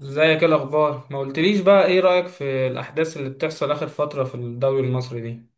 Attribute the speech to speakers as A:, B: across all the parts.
A: ازيك؟ ايه الاخبار؟ ما قلتليش بقى، ايه رايك في الاحداث اللي بتحصل اخر فتره في الدوري المصري دي؟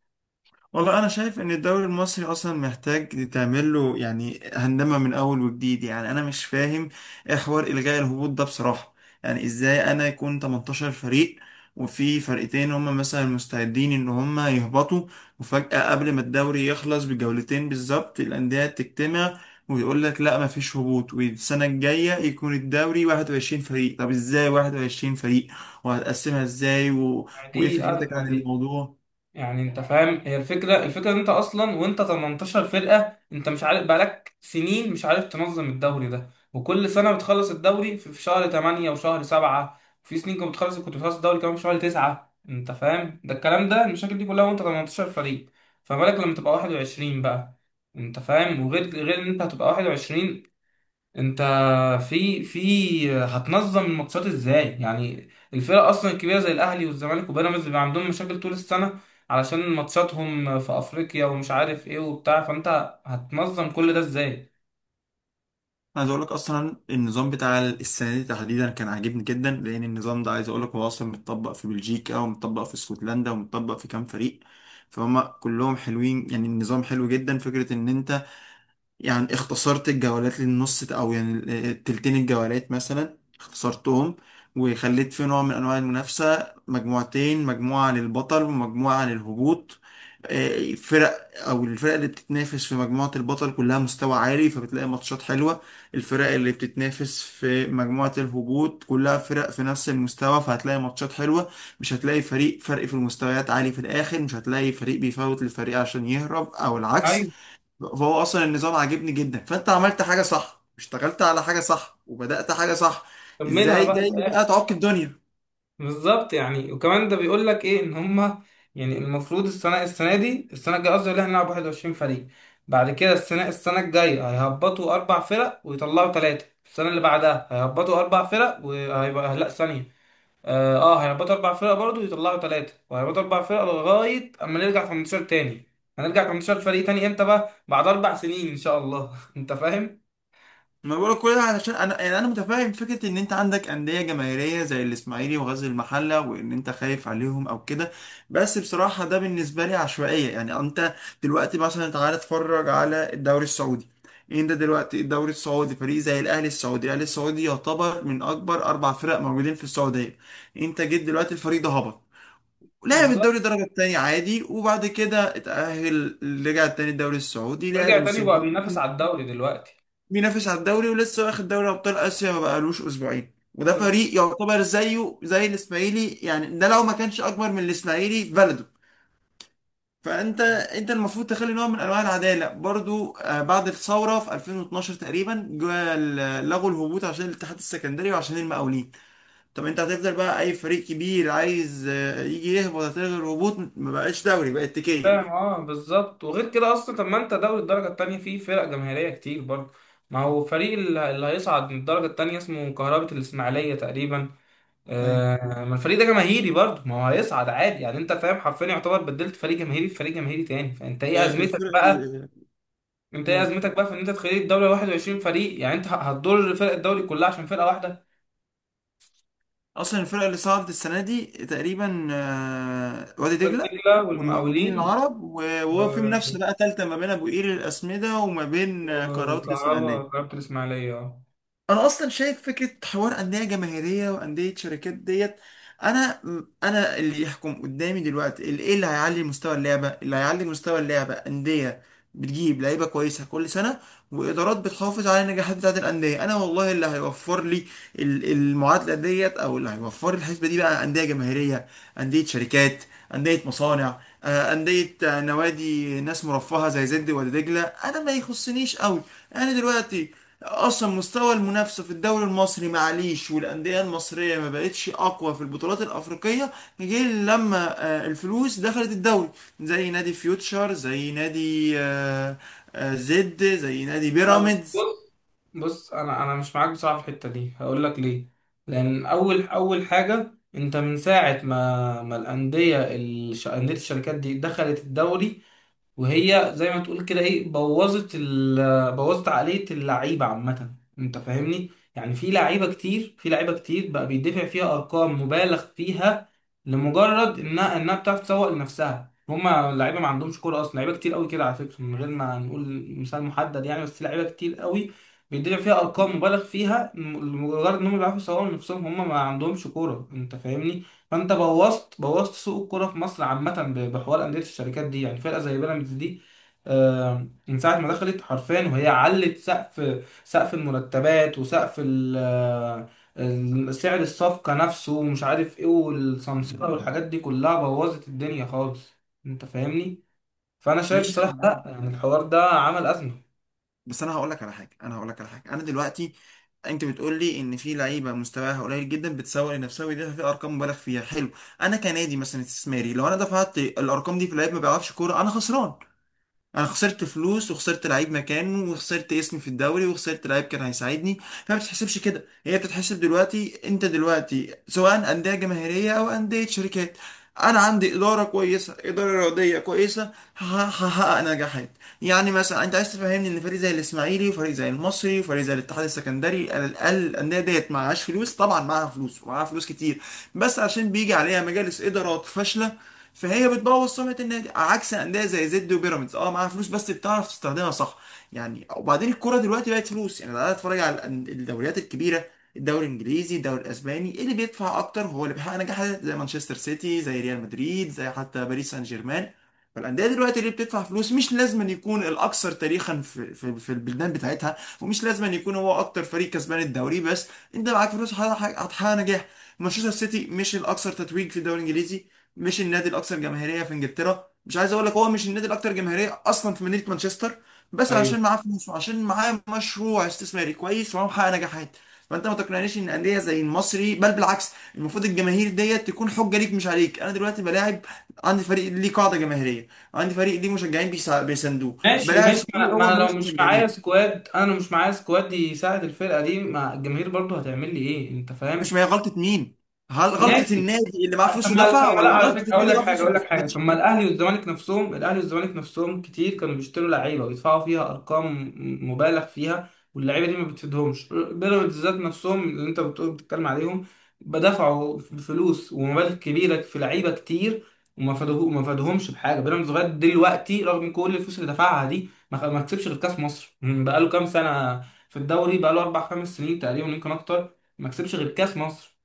B: والله انا شايف ان الدوري المصري اصلا محتاج تعمل له يعني هندمه من اول وجديد. يعني انا مش فاهم ايه حوار الغاء الهبوط ده بصراحه. يعني ازاي انا يكون 18 فريق وفي فرقتين هم مثلا مستعدين ان هم يهبطوا؟ وفجاه قبل ما الدوري يخلص بجولتين بالظبط الانديه تجتمع ويقول لك لا مفيش هبوط والسنه الجايه يكون الدوري 21 فريق. طب ازاي 21 فريق وهتقسمها ازاي وايه
A: دي
B: فكرتك
A: ازمه
B: عن
A: دي.
B: الموضوع؟
A: يعني انت فاهم، هي الفكره ان انت اصلا وانت 18 فرقه، انت مش عارف، بقالك سنين مش عارف تنظم الدوري ده، وكل سنه بتخلص الدوري في شهر 8 وشهر 7، في سنين كنت بتخلص الدوري كمان في شهر 9. انت فاهم؟ ده الكلام ده، المشاكل دي كلها وانت 18 فريق، فما بالك لما تبقى 21 بقى؟ انت فاهم. وغير غير ان انت هتبقى 21، انت في هتنظم الماتشات ازاي يعني؟ الفرق اصلا الكبيره زي الاهلي والزمالك وبيراميدز بيبقى عندهم مشاكل طول السنه، علشان ماتشاتهم في افريقيا ومش عارف ايه وبتاع، فانت هتنظم كل ده ازاي؟
B: عايز اقول لك اصلا النظام بتاع السنه دي تحديدا كان عاجبني جدا لان النظام ده عايز اقول لك هو اصلا متطبق في بلجيكا ومتطبق في اسكتلندا ومتطبق في كام فريق فهم كلهم حلوين. يعني النظام حلو جدا. فكره ان انت يعني اختصرت الجولات للنص او يعني التلتين الجولات مثلا اختصرتهم، وخليت في نوع من انواع المنافسة مجموعتين، مجموعة للبطل ومجموعة للهبوط. فرق او الفرق اللي بتتنافس في مجموعة البطل كلها مستوى عالي فبتلاقي ماتشات حلوة. الفرق اللي بتتنافس في مجموعة الهبوط كلها فرق في نفس المستوى فهتلاقي ماتشات حلوة. مش هتلاقي فريق فرق في المستويات عالي في الاخر، مش هتلاقي فريق بيفوت للفريق عشان يهرب او العكس.
A: ايوه.
B: فهو اصلا النظام عاجبني جدا. فانت عملت حاجه صح، اشتغلت على حاجه صح، وبدات حاجه صح.
A: كملها
B: ازاي
A: بقى
B: جاي بقى
A: للاخر.
B: تعك دنيا؟
A: بالظبط. يعني وكمان ده بيقول لك ايه؟ ان هما يعني المفروض السنه دي، السنه الجايه قصدي، اللي هنلعب 21 فريق. بعد كده السنه الجايه هيهبطوا اربع فرق ويطلعوا ثلاثه، السنه اللي بعدها هيهبطوا اربع فرق وهيبقى، لا ثانيه. هيهبطوا اربع فرق برضه، يطلعوا ثلاثة وهيهبطوا اربع فرق لغاية اما نرجع 18 تاني. هنرجع 18 فريق تاني امتى بقى؟ بعد اربع سنين ان شاء الله. انت فاهم.
B: ما بقولك كل ده علشان انا يعني انا متفاهم فكره ان انت عندك انديه جماهيريه زي الاسماعيلي وغزل المحله وان انت خايف عليهم او كده. بس بصراحه ده بالنسبه لي عشوائيه. يعني انت دلوقتي مثلا تعالى اتفرج على الدوري السعودي. انت دلوقتي الدوري السعودي فريق زي الاهلي السعودي، الاهلي السعودي يعتبر من اكبر اربع فرق موجودين في السعوديه. انت جيت دلوقتي الفريق ده هبط. لعب
A: بالظبط.
B: الدوري الدرجة التانية عادي وبعد كده اتأهل، رجع تاني الدوري السعودي لعب
A: رجع تاني وبقى
B: موسمين.
A: بينافس على الدوري دلوقتي.
B: بينافس على الدوري ولسه واخد دوري أبطال آسيا ما بقالوش أسبوعين. وده
A: بالظبط.
B: فريق يعتبر زيه زي الإسماعيلي، يعني ده لو ما كانش أكبر من الإسماعيلي في بلده. فأنت المفروض تخلي نوع من أنواع العدالة برضو. بعد الثورة في 2012 تقريبا جا لغوا الهبوط عشان الاتحاد السكندري وعشان المقاولين. طب انت هتفضل بقى اي فريق كبير عايز يجي يهبط هتلغي الهبوط؟ ما بقاش دوري، بقت تكيه.
A: فاهم، اه بالظبط. وغير كده اصلا، طب ما انت دوري الدرجة التانية فيه فرق جماهيرية كتير برضه، ما هو فريق اللي هيصعد من الدرجة التانية اسمه كهربة الإسماعيلية تقريبا.
B: ايوه.
A: آه، ما الفريق ده جماهيري برضه، ما هو هيصعد عادي يعني. انت فاهم؟ حرفيا يعتبر بدلت فريق جماهيري في فريق جماهيري تاني، فانت ايه ازمتك
B: الفرق
A: بقى؟
B: اللي
A: انت ايه
B: نقول
A: ازمتك بقى في ان انت تخلي الدوري 21 فريق؟ يعني انت هتضر فرق الدوري كلها عشان فرقه واحده.
B: اصلا الفرق اللي صعدت السنه دي تقريبا وادي
A: وادي
B: دجله
A: دجله
B: والمقاولين
A: والمقاولين
B: العرب وهو في
A: و-
B: منافسه بقى ثالثه ما بين ابو قير الاسمده وما بين قنوات
A: وكهربا
B: الاسماعيليه.
A: كهربا الاسماعيليه. اه.
B: انا اصلا شايف فكره حوار انديه جماهيريه وانديه شركات ديت. انا انا اللي يحكم قدامي دلوقتي اللي ايه؟ اللي هيعلي مستوى اللعبه، اللي هيعلي مستوى اللعبه انديه بتجيب لعيبه كويسه كل سنه وادارات بتحافظ على النجاحات بتاعه الانديه. انا والله اللي هيوفر لي المعادله ديت او اللي هيوفر لي الحسبه دي بقى انديه جماهيريه، انديه شركات، انديه مصانع، انديه، نوادي ناس مرفهه زي زد ولا دجله، انا ما يخصنيش قوي. انا دلوقتي اصلا مستوى المنافسه في الدوري المصري معليش. والانديه المصريه ما بقتش اقوى في البطولات الافريقيه غير لما الفلوس دخلت الدوري، زي نادي فيوتشر، زي نادي زد، زي نادي
A: لا بس،
B: بيراميدز.
A: بص بص، انا مش معاك بصراحه في الحته دي، هقول لك ليه. لان اول حاجه انت من ساعه ما انديه الشركات دي دخلت الدوري، وهي زي ما تقول كده ايه، بوظت عقلية اللعيبة عامة. انت فاهمني؟ يعني في لعيبة كتير بقى بيدفع فيها ارقام مبالغ فيها لمجرد انها بتعرف تسوق لنفسها، هما اللعيبة ما عندهمش كورة اصلا. لعيبة كتير قوي كده على فكرة، من غير ما نقول مثال محدد يعني، بس لعيبة كتير قوي بيدفع فيها ارقام مبالغ فيها، لمجرد انهم بيعرفوا يسوقوا لنفسهم، هما ما عندهمش كورة. انت فاهمني؟ فانت بوظت سوق الكوره في مصر عامه بحوار انديه الشركات دي. يعني فرقه زي بيراميدز دي، من ساعه ما دخلت حرفيا وهي علت سقف المرتبات وسقف سعر الصفقه نفسه، ومش عارف ايه والسمسره والحاجات دي كلها بوظت الدنيا خالص. انت فاهمني؟ فانا شايف
B: مش انا
A: بصراحه، لا
B: معاك.
A: يعني الحوار ده عمل ازمه.
B: بس انا هقول لك على حاجه، انا هقول لك على حاجه. انا دلوقتي انت بتقول لي ان في لعيبه مستواها قليل جدا بتسوق لنفسها ويدفع في ارقام مبالغ فيها. حلو. انا كنادي مثلا استثماري لو انا دفعت الارقام دي في لعيب ما بيعرفش كوره انا خسران. انا خسرت فلوس وخسرت لعيب مكانه وخسرت اسمي في الدوري وخسرت لعيب كان هيساعدني. فما بتتحسبش كده، هي بتتحسب دلوقتي انت دلوقتي سواء انديه جماهيريه او انديه شركات، انا عندي اداره كويسه اداره رياضيه كويسه، هحقق نجاحات. يعني مثلا انت عايز تفهمني ان فريق زي الاسماعيلي وفريق زي المصري وفريق زي الاتحاد السكندري على الاقل الانديه ديت معهاش فلوس؟ طبعا معاها فلوس ومعاها فلوس كتير. بس عشان بيجي عليها مجالس ادارات فاشله فهي بتبوظ سمعه النادي. عكس انديه زي زد وبيراميدز اه معاها فلوس بس بتعرف تستخدمها صح. يعني وبعدين الكوره دلوقتي بقت فلوس. يعني انا اتفرج على الدوريات الكبيره، الدوري الانجليزي، الدوري الاسباني، إيه اللي بيدفع اكتر هو اللي بيحقق نجاحات زي مانشستر سيتي، زي ريال مدريد، زي حتى باريس سان جيرمان. فالانديه دلوقتي اللي بتدفع فلوس مش لازم أن يكون الاكثر تاريخا في في البلدان بتاعتها ومش لازم أن يكون هو اكتر فريق كسبان الدوري. بس انت معاك فلوس هتحقق نجاح. مانشستر سيتي مش الاكثر تتويج في الدوري الانجليزي، مش النادي الاكثر جماهيريه في انجلترا. مش عايز اقول لك هو مش النادي الاكثر جماهيريه اصلا في مدينه مانشستر. بس
A: ايوه.
B: عشان معاه فلوس وعشان معاه مشروع استثماري كويس وهو محقق نجاحات. فانت ما تقنعنيش ان انديه زي المصري، بل بالعكس المفروض الجماهير ديت تكون حجه ليك مش عليك. انا دلوقتي بلاعب عندي فريق ليه قاعده جماهيريه، عندي فريق ليه مشجعين بيساندوه،
A: ماشي
B: بلاعب
A: ماشي،
B: فريق
A: ما
B: هو ملوش مشجعين،
A: انا لو مش معايا سكواد يساعد الفرقه دي، ما الجماهير برضو هتعمل لي ايه؟ انت
B: مش ما
A: فاهم.
B: هي غلطه مين؟ هل غلطه
A: ماشي.
B: النادي اللي معاه
A: طب
B: فلوس
A: ما طب
B: ودفع
A: ما لا،
B: ولا
A: على
B: غلطه
A: فكره،
B: النادي اللي معاه فلوس
A: اقول
B: وما
A: لك حاجه. طب
B: استفادش؟
A: ما الاهلي والزمالك نفسهم كتير كانوا بيشتروا لعيبه ويدفعوا فيها ارقام مبالغ فيها، واللعيبه دي ما بتفيدهمش. بيراميدز ذات نفسهم اللي انت بتقول بتتكلم عليهم بدفعوا فلوس ومبالغ كبيره في لعيبه كتير وما فادوه، ما فادهمش بحاجه. بيراميدز لغايه دلوقتي رغم كل الفلوس اللي دفعها دي ما كسبش غير كاس مصر بقاله كام سنه. في الدوري بقاله اربع خمس سنين تقريبا، يمكن اكتر، ما كسبش غير كاس مصر.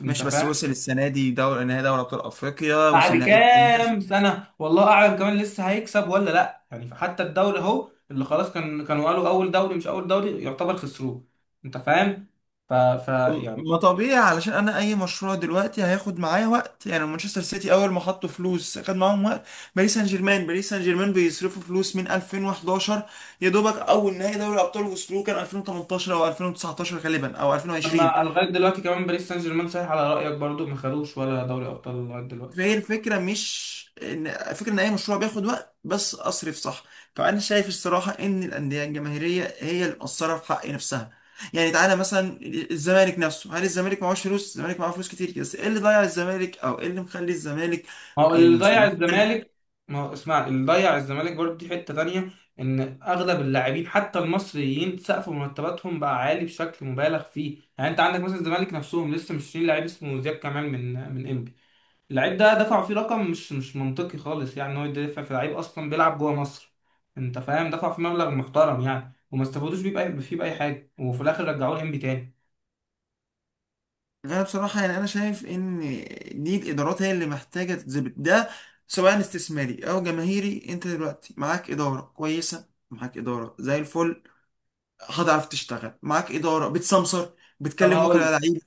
A: انت
B: ماشي، بس
A: فاهم؟
B: وصل السنه دي دوري نهائي دوري ابطال افريقيا وصل
A: بعد
B: نهائي الكاس.
A: كام سنة والله أعلم كمان لسه هيكسب ولا لأ يعني، فحتى الدوري أهو اللي خلاص كانوا قالوا أول دوري، مش أول دوري يعتبر خسروه. أنت فاهم؟ ف... ف يعني
B: ما طبيعي علشان انا اي مشروع دلوقتي هياخد معايا وقت. يعني مانشستر سيتي اول ما حطوا فلوس خد معاهم وقت. باريس سان جيرمان، باريس سان جيرمان بيصرفوا فلوس من 2011، يا دوبك اول نهائي دوري ابطال وصلوه كان 2018 او 2019 غالبا او 2020.
A: أما لغاية دلوقتي كمان، باريس سان جيرمان صحيح على رأيك برضو ما خدوش ولا دوري أبطال لغاية دلوقتي.
B: فهي الفكرة مش إن الفكرة إن أي مشروع بياخد وقت، بس أصرف صح. فأنا شايف الصراحة إن الأندية الجماهيرية هي اللي مقصرة في حق نفسها. يعني تعالى مثلا الزمالك نفسه. هل الزمالك معهوش فلوس؟ الزمالك معاه فلوس كتير. بس إيه اللي ضيع الزمالك أو إيه اللي مخلي الزمالك
A: ما هو اللي ضيع
B: المستقبل حلو؟
A: الزمالك. ما هو اسمع، اللي ضيع الزمالك برضو دي حتة تانية. إن أغلب اللاعبين حتى المصريين سقف مرتباتهم بقى عالي بشكل مبالغ فيه يعني، أنت عندك مثلا الزمالك نفسهم لسه مشترين لعيب اسمه زياد كمال من إنبي. اللعيب ده دفعوا فيه رقم مش منطقي خالص، يعني ان هو يدفع في لعيب اصلا بيلعب جوه مصر. انت فاهم؟ دفعوا فيه مبلغ محترم يعني وما استفادوش بيه بأي فيه بأي حاجه، وفي الاخر رجعوه الانبي تاني.
B: أنا بصراحة يعني أنا شايف إن دي الإدارات هي اللي محتاجة تتظبط ده. سواء استثماري أو جماهيري، أنت دلوقتي معاك إدارة كويسة معاك إدارة زي الفل هتعرف تشتغل. معاك اداره بتسمسر
A: طب
B: بتكلم وكلاء لعيب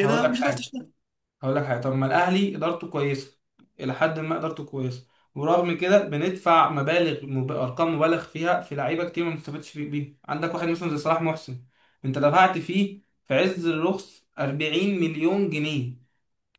A: هقول لك
B: مش هتعرف
A: حاجه
B: تشتغل.
A: هقول لك حاجه. طب ما الاهلي ادارته كويسه، الى حد ما ادارته كويسه، ورغم كده بندفع ارقام مبالغ فيها في لعيبه كتير ما بنستفادش بيها. عندك واحد مثلا زي صلاح محسن، انت دفعت فيه في عز الرخص 40 مليون جنيه،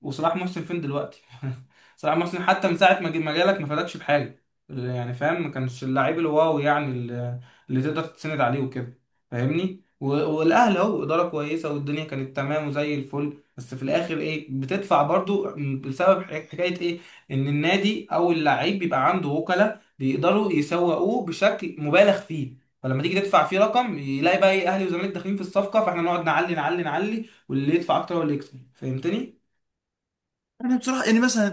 A: وصلاح محسن فين دلوقتي؟ صلاح محسن حتى من ساعة ما جالك ما فادكش بحاجة يعني، فاهم. ما كانش اللاعب الواو يعني اللي تقدر تتسند عليه وكده، فاهمني. والاهلي اهو اداره كويسه والدنيا كانت تمام وزي الفل، بس في الاخر ايه؟ بتدفع برضو بسبب حكايه ايه؟ ان النادي او اللعيب بيبقى عنده وكلاء بيقدروا يسوقوه بشكل مبالغ فيه، فلما تيجي تدفع فيه رقم يلاقي بقى ايه؟ اهلي وزمالك داخلين في الصفقه، فاحنا نقعد نعلي نعلي نعلي، واللي يدفع اكتر هو اللي يكسب. فهمتني؟
B: يعني بصراحه يعني مثلا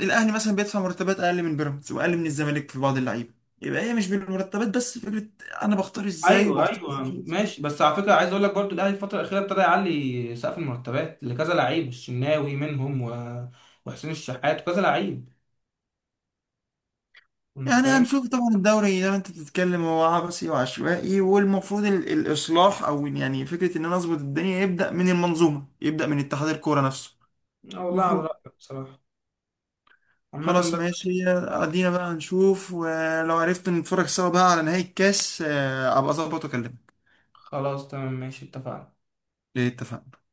B: الاهلي مثلا بيدفع مرتبات اقل من بيراميدز واقل من الزمالك في بعض اللعيبه. يبقى هي مش بالمرتبات بس، فكره انا بختار ازاي
A: ايوه
B: وبختار
A: ايوه،
B: صح.
A: ماشي. بس على فكره، عايز اقول لك برضو الاهلي الفتره الاخيره ابتدى يعلي سقف المرتبات لكذا لعيب، الشناوي منهم وحسين الشحات وكذا لعيب. انت
B: يعني
A: فاهم.
B: هنشوف طبعا الدوري زي ما انت بتتكلم هو عبثي وعشوائي، والمفروض الاصلاح او يعني فكره ان انا اظبط الدنيا يبدا من المنظومه، يبدا من اتحاد الكوره نفسه.
A: اه والله على
B: المفروض.
A: رايك بصراحه. عامه
B: خلاص
A: بس.
B: ماشي،
A: اه
B: ادينا بقى نشوف ولو عرفت نتفرج سوا بقى على نهاية الكاس ابقى اظبط واكلمك.
A: خلاص. تمام ماشي، اتفقنا.
B: اتفقنا.